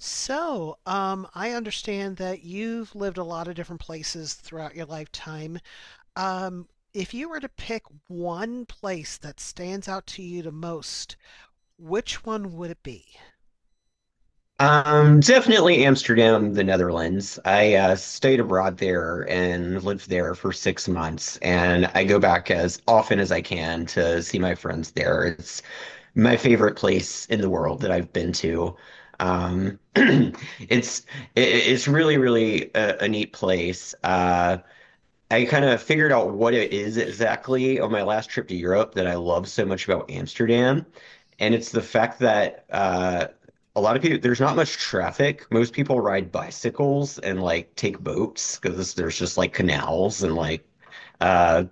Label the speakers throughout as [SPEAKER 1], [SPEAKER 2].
[SPEAKER 1] So I understand that you've lived a lot of different places throughout your lifetime. Um, if you were to pick one place that stands out to you the most, which one would it be?
[SPEAKER 2] Definitely Amsterdam, the Netherlands. I stayed abroad there and lived there for 6 months, and I go back as often as I can to see my friends there. It's my favorite place in the world that I've been to. Um, it's it's really, really a neat place. I kind of figured out what it is exactly on my last trip to Europe that I love so much about Amsterdam. And it's the fact that a lot of people, there's not much traffic. Most people ride bicycles and like take boats because there's just like canals and uh,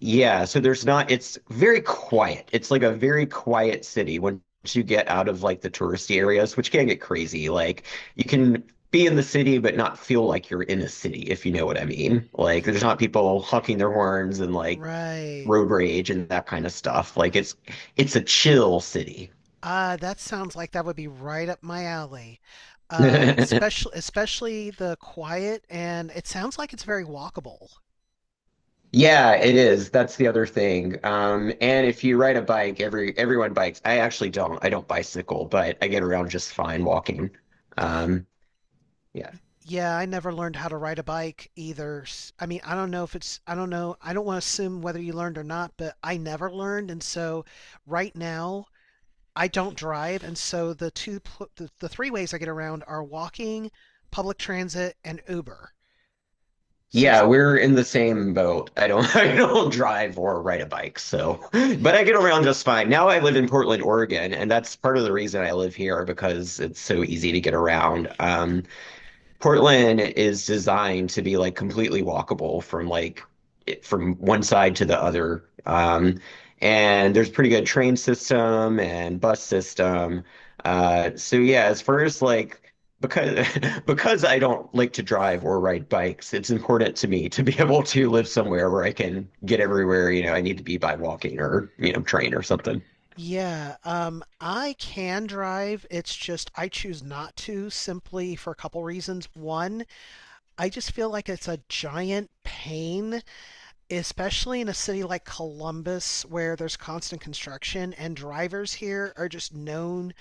[SPEAKER 2] yeah, so there's not, it's very quiet. It's like a very quiet city once you get out of like the touristy areas, which can get crazy. Like you can be in the city but not feel like you're in a city, if you know what I mean. Like
[SPEAKER 1] Ye-
[SPEAKER 2] there's not people honking their horns and like
[SPEAKER 1] Right.
[SPEAKER 2] road rage and that kind of stuff. Like it's a chill city.
[SPEAKER 1] That sounds like that would be right up my alley. Uh, especially especially the quiet, and it sounds like it's very walkable.
[SPEAKER 2] Yeah, it is. That's the other thing. And if you ride a bike, everyone bikes. I actually don't. I don't bicycle, but I get around just fine walking. Um, Yeah.
[SPEAKER 1] Yeah, I never learned how to ride a bike either. I mean, I don't know if it's, I don't know, I don't want to assume whether you learned or not, but I never learned, and so right now I don't drive, and so the two pl- the three ways I get around are walking, public transit, and Uber. So
[SPEAKER 2] Yeah,
[SPEAKER 1] it's
[SPEAKER 2] we're in the same boat. I don't I don't drive or ride a bike, so but I get around just fine. Now I live in Portland, Oregon, and that's part of the reason I live here because it's so easy to get around. Portland is designed to be like completely walkable from from one side to the other. And there's pretty good train system and bus system. So yeah, as far as like because because I don't like to drive or ride bikes, it's important to me to be able to live somewhere where I can get everywhere, you know, I need to be by walking or, you know, train or something.
[SPEAKER 1] Yeah, I can drive. It's just I choose not to simply for a couple reasons. One, I just feel like it's a giant pain, especially in a city like Columbus where there's constant construction, and drivers here are just known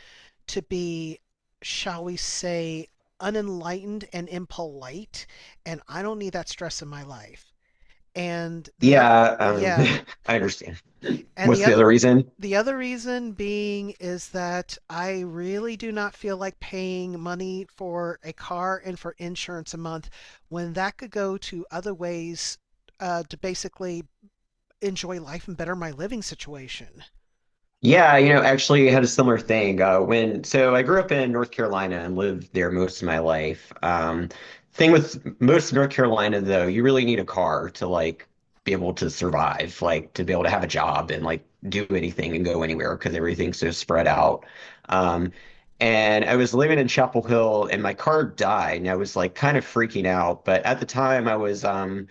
[SPEAKER 1] to be, shall we say, unenlightened and impolite, and I don't need that stress in my life. And the other,
[SPEAKER 2] Yeah,
[SPEAKER 1] yeah,
[SPEAKER 2] I understand.
[SPEAKER 1] and
[SPEAKER 2] What's
[SPEAKER 1] the
[SPEAKER 2] the
[SPEAKER 1] other,
[SPEAKER 2] other reason?
[SPEAKER 1] the other reason being is that I really do not feel like paying money for a car and for insurance a month when that could go to other ways to basically enjoy life and better my living situation.
[SPEAKER 2] Yeah, you know, actually had a similar thing. When so I grew up in North Carolina and lived there most of my life. Thing with most of North Carolina though, you really need a car to like be able to survive, like to be able to have a job and like do anything and go anywhere because everything's so spread out. Um, and I was living in Chapel Hill and my car died and I was like kind of freaking out. But at the time I was um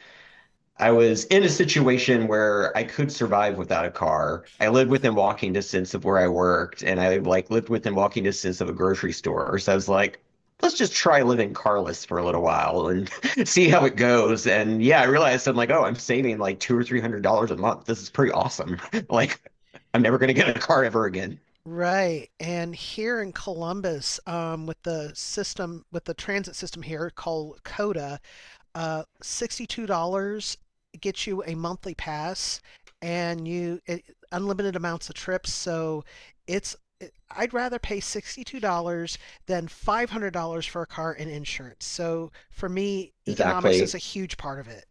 [SPEAKER 2] I was in a situation where I could survive without a car. I lived within walking distance of where I worked, and I like lived within walking distance of a grocery store. So I was like, let's just try living carless for a little while and see how it goes. And yeah, I realized I'm like, oh, I'm saving like two or three hundred dollars a month. This is pretty awesome. Like, I'm never gonna get a car ever again.
[SPEAKER 1] Right. And here in Columbus, with the system, with the transit system here called COTA. $62 gets you a monthly pass and unlimited amounts of trips. So it's I'd rather pay $62 than $500 for a car and insurance. So for me, economics is
[SPEAKER 2] Exactly.
[SPEAKER 1] a huge part of it.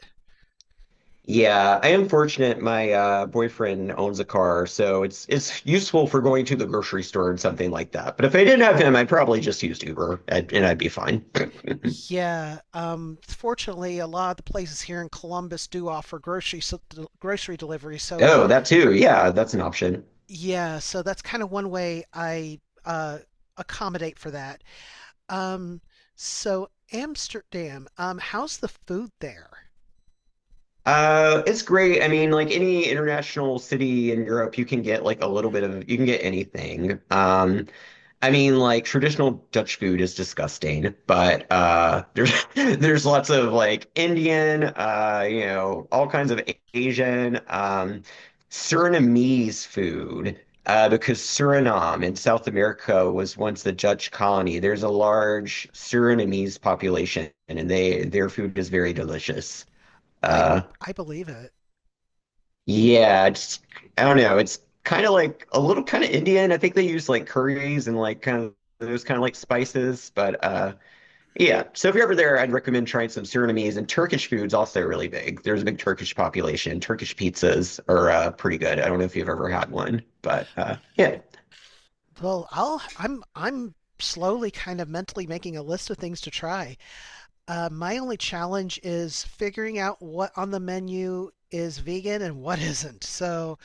[SPEAKER 2] Yeah, I am fortunate. My boyfriend owns a car, so it's useful for going to the grocery store and something like that. But if I didn't have him, I'd probably just use Uber and I'd be fine.
[SPEAKER 1] Yeah, fortunately, a lot of the places here in Columbus do offer grocery delivery. So
[SPEAKER 2] Oh, that too. Yeah, that's an option.
[SPEAKER 1] yeah, so that's kind of one way I uh, accommodate for that. Um, so Amsterdam, how's the food there?
[SPEAKER 2] It's great. I mean, like any international city in Europe, you can get like a little bit of you can get anything. I mean, like traditional Dutch food is disgusting, but there's there's lots of like Indian, you know, all kinds of Asian, Surinamese food, because Suriname in South America was once the Dutch colony. There's a large Surinamese population, and they their food is very delicious.
[SPEAKER 1] I
[SPEAKER 2] Uh,
[SPEAKER 1] I believe it.
[SPEAKER 2] yeah, it's I don't know. It's kind of like a little kind of Indian. I think they use like curries and like kind of those kind of like spices. But yeah, so if you're ever there, I'd recommend trying some Surinamese and Turkish food's also really big. There's a big Turkish population. Turkish pizzas are pretty good. I don't know if you've ever had one, but yeah.
[SPEAKER 1] Well, I'm slowly kind of mentally making a list of things to try. My only challenge is figuring out what on the menu is vegan and what isn't. So,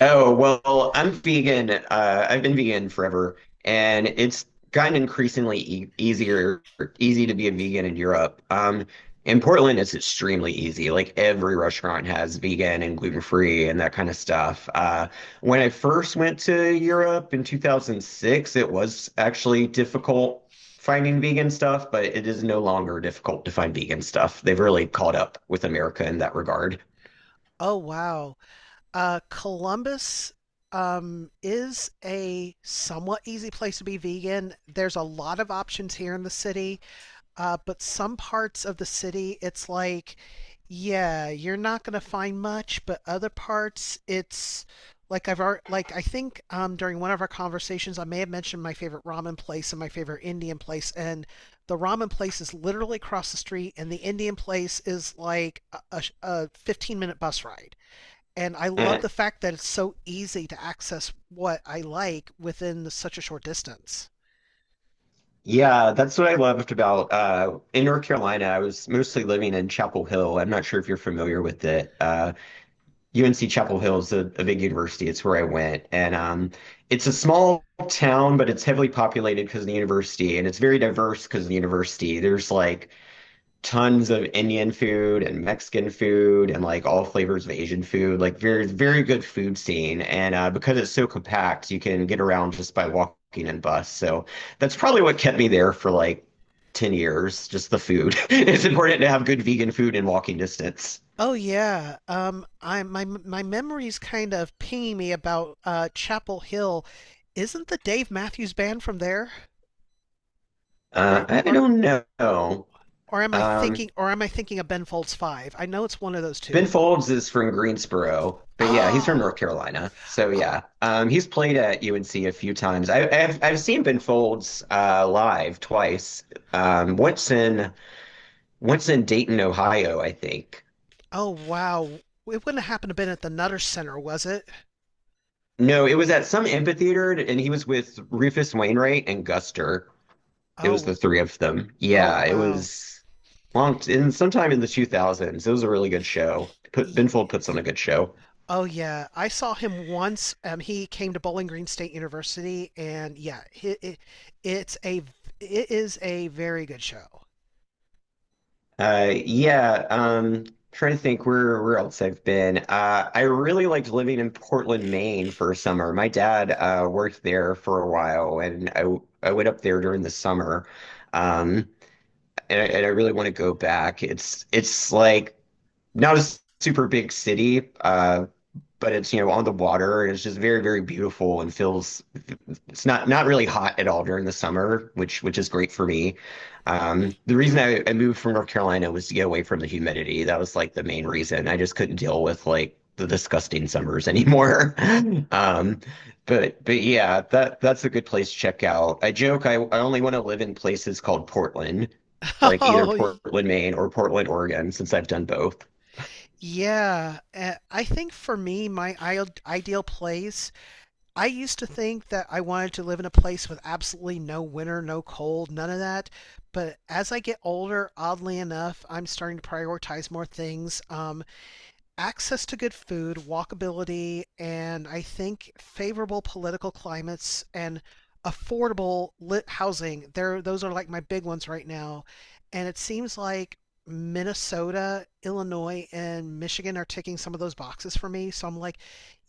[SPEAKER 2] Oh, well, I'm vegan. I've been vegan forever, and it's gotten increasingly easy to be a vegan in Europe. In Portland, it's extremely easy. Like every restaurant has vegan and gluten-free and that kind of stuff. When I first went to Europe in 2006, it was actually difficult finding vegan stuff, but it is no longer difficult to find vegan stuff. They've really caught up with America in that regard.
[SPEAKER 1] oh wow. Columbus, is a somewhat easy place to be vegan. There's a lot of options here in the city, but some parts of the city, it's like, yeah, you're not going to find much, but other parts, it's like I've already, like I think during one of our conversations, I may have mentioned my favorite ramen place and my favorite Indian place, and the ramen place is literally across the street, and the Indian place is like a 15-minute minute bus ride. And I love
[SPEAKER 2] Eh,
[SPEAKER 1] the fact that it's so easy to access what I like within such a short distance.
[SPEAKER 2] Yeah, that's what I loved about in North Carolina. I was mostly living in Chapel Hill. I'm not sure if you're familiar with it. UNC Chapel Hill is a big university. It's where I went, and it's a small town, but it's heavily populated because of the university, and it's very diverse because of the university. There's like tons of Indian food and Mexican food and like all flavors of Asian food. Like very very good food scene. And because it's so compact, you can get around just by walking and bus. So that's probably what kept me there for like 10 years, just the food. It's important to have good vegan food in walking distance.
[SPEAKER 1] Oh yeah, I my memory's kind of pinging me about Chapel Hill. Isn't the Dave Matthews Band from there? Or
[SPEAKER 2] I
[SPEAKER 1] or
[SPEAKER 2] don't know.
[SPEAKER 1] or am I
[SPEAKER 2] Um,
[SPEAKER 1] thinking of Ben Folds Five? I know it's one of those
[SPEAKER 2] Ben
[SPEAKER 1] two.
[SPEAKER 2] Folds is from Greensboro, but yeah, he's from
[SPEAKER 1] Oh,
[SPEAKER 2] North Carolina. So yeah, he's played at UNC a few times. I've seen Ben Folds live twice. Um, once in Dayton, Ohio, I think.
[SPEAKER 1] oh wow! It wouldn't have happened to been at the Nutter Center, was it?
[SPEAKER 2] No, it was at some amphitheater, and he was with Rufus Wainwright and Guster. It was
[SPEAKER 1] Oh,
[SPEAKER 2] the three of them.
[SPEAKER 1] oh
[SPEAKER 2] Yeah, it
[SPEAKER 1] wow.
[SPEAKER 2] was long in sometime in the 2000s. It was a really good show.
[SPEAKER 1] E-
[SPEAKER 2] Ben Folds puts on a good show.
[SPEAKER 1] Oh yeah, I saw him once. He came to Bowling Green State University, and yeah, it's a it is a very good show.
[SPEAKER 2] Yeah, trying to think where else I've been. I really liked living in Portland, Maine for a summer. My dad worked there for a while, and I went up there during the summer. Um, and I really want to go back. It's like not a super big city, but it's you know on the water, and it's just very very beautiful and feels it's not not really hot at all during the summer, which is great for me. The reason I moved from North Carolina was to get away from the humidity. That was like the main reason. I just couldn't deal with like the disgusting summers anymore. Um, but yeah, that's a good place to check out. I joke I only want to live in places called Portland, like either
[SPEAKER 1] Oh y-
[SPEAKER 2] Portland, Maine or Portland, Oregon, since I've done both.
[SPEAKER 1] yeah, I think for me, my ideal place. I used to think that I wanted to live in a place with absolutely no winter, no cold, none of that. But as I get older, oddly enough, I'm starting to prioritize more things. Access to good food, walkability, and I think favorable political climates and affordable lit housing. There, those are like my big ones right now. And it seems like Minnesota, Illinois, and Michigan are ticking some of those boxes for me. So I'm like,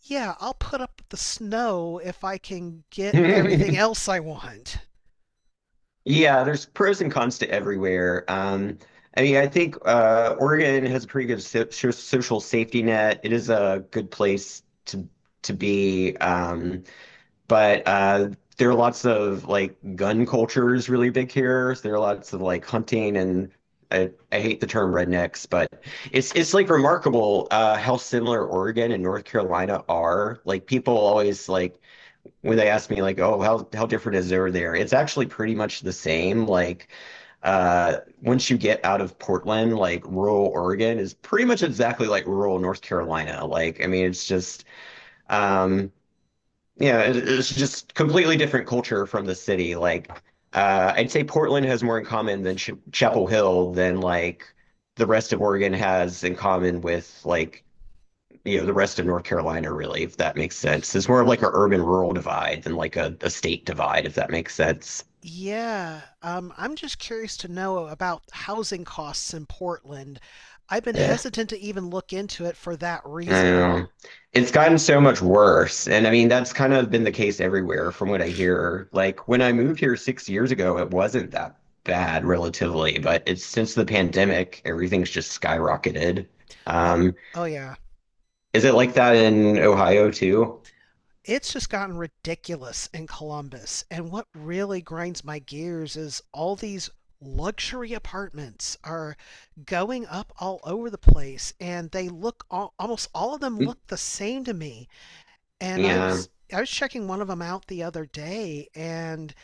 [SPEAKER 1] yeah, I'll put up with the snow if I can get everything else I want.
[SPEAKER 2] Yeah, there's pros and cons to everywhere. I mean, I think Oregon has a pretty good social safety net. It is a good place to be, but there are lots of like gun culture is really big here. So there are lots of like hunting and I hate the term rednecks, but it's like remarkable how similar Oregon and North Carolina are. Like people always like when they ask me like, oh, how different is over there? It's actually pretty much the same. Like, once you get out of Portland, like rural Oregon is pretty much exactly like rural North Carolina. Like, I mean, it's just, um, yeah, it's just completely different culture from the city. Like, I'd say Portland has more in common than Ch Chapel Hill than like the rest of Oregon has in common with like you know the rest of North Carolina, really, if that makes sense. It's more of like an urban-rural divide than like a state divide, if that makes sense.
[SPEAKER 1] Yeah, I'm just curious to know about housing costs in Portland. I've been
[SPEAKER 2] Yeah,
[SPEAKER 1] hesitant to even look into it for that
[SPEAKER 2] I don't
[SPEAKER 1] reason.
[SPEAKER 2] know. It's gotten so much worse, and I mean that's kind of been the case everywhere, from what I hear. Like when I moved here 6 years ago, it wasn't that bad relatively, but it's since the pandemic, everything's just skyrocketed.
[SPEAKER 1] Oh,
[SPEAKER 2] Um,
[SPEAKER 1] oh yeah.
[SPEAKER 2] is it like that in Ohio too?
[SPEAKER 1] It's just gotten ridiculous in Columbus. And what really grinds my gears is all these luxury apartments are going up all over the place, and they look all, almost all of them look the same to me. And I
[SPEAKER 2] Yeah.
[SPEAKER 1] was I was checking one of them out the other day, and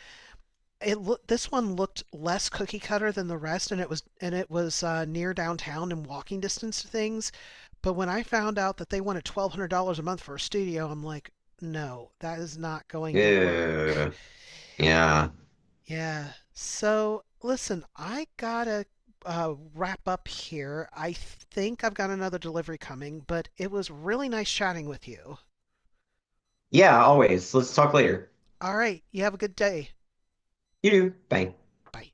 [SPEAKER 1] this one looked less cookie cutter than the rest, and it was, and it was near downtown and walking distance to things, but when I found out that they wanted $1,200 a month for a studio, I'm like, no, that is not going to work.
[SPEAKER 2] Yeah. Yeah.
[SPEAKER 1] Yeah, so listen, I gotta wrap up here. I think I've got another delivery coming, but it was really nice chatting with you.
[SPEAKER 2] Yeah, always. Let's talk later.
[SPEAKER 1] All right, you have a good day.
[SPEAKER 2] You do. Bye.
[SPEAKER 1] Bye.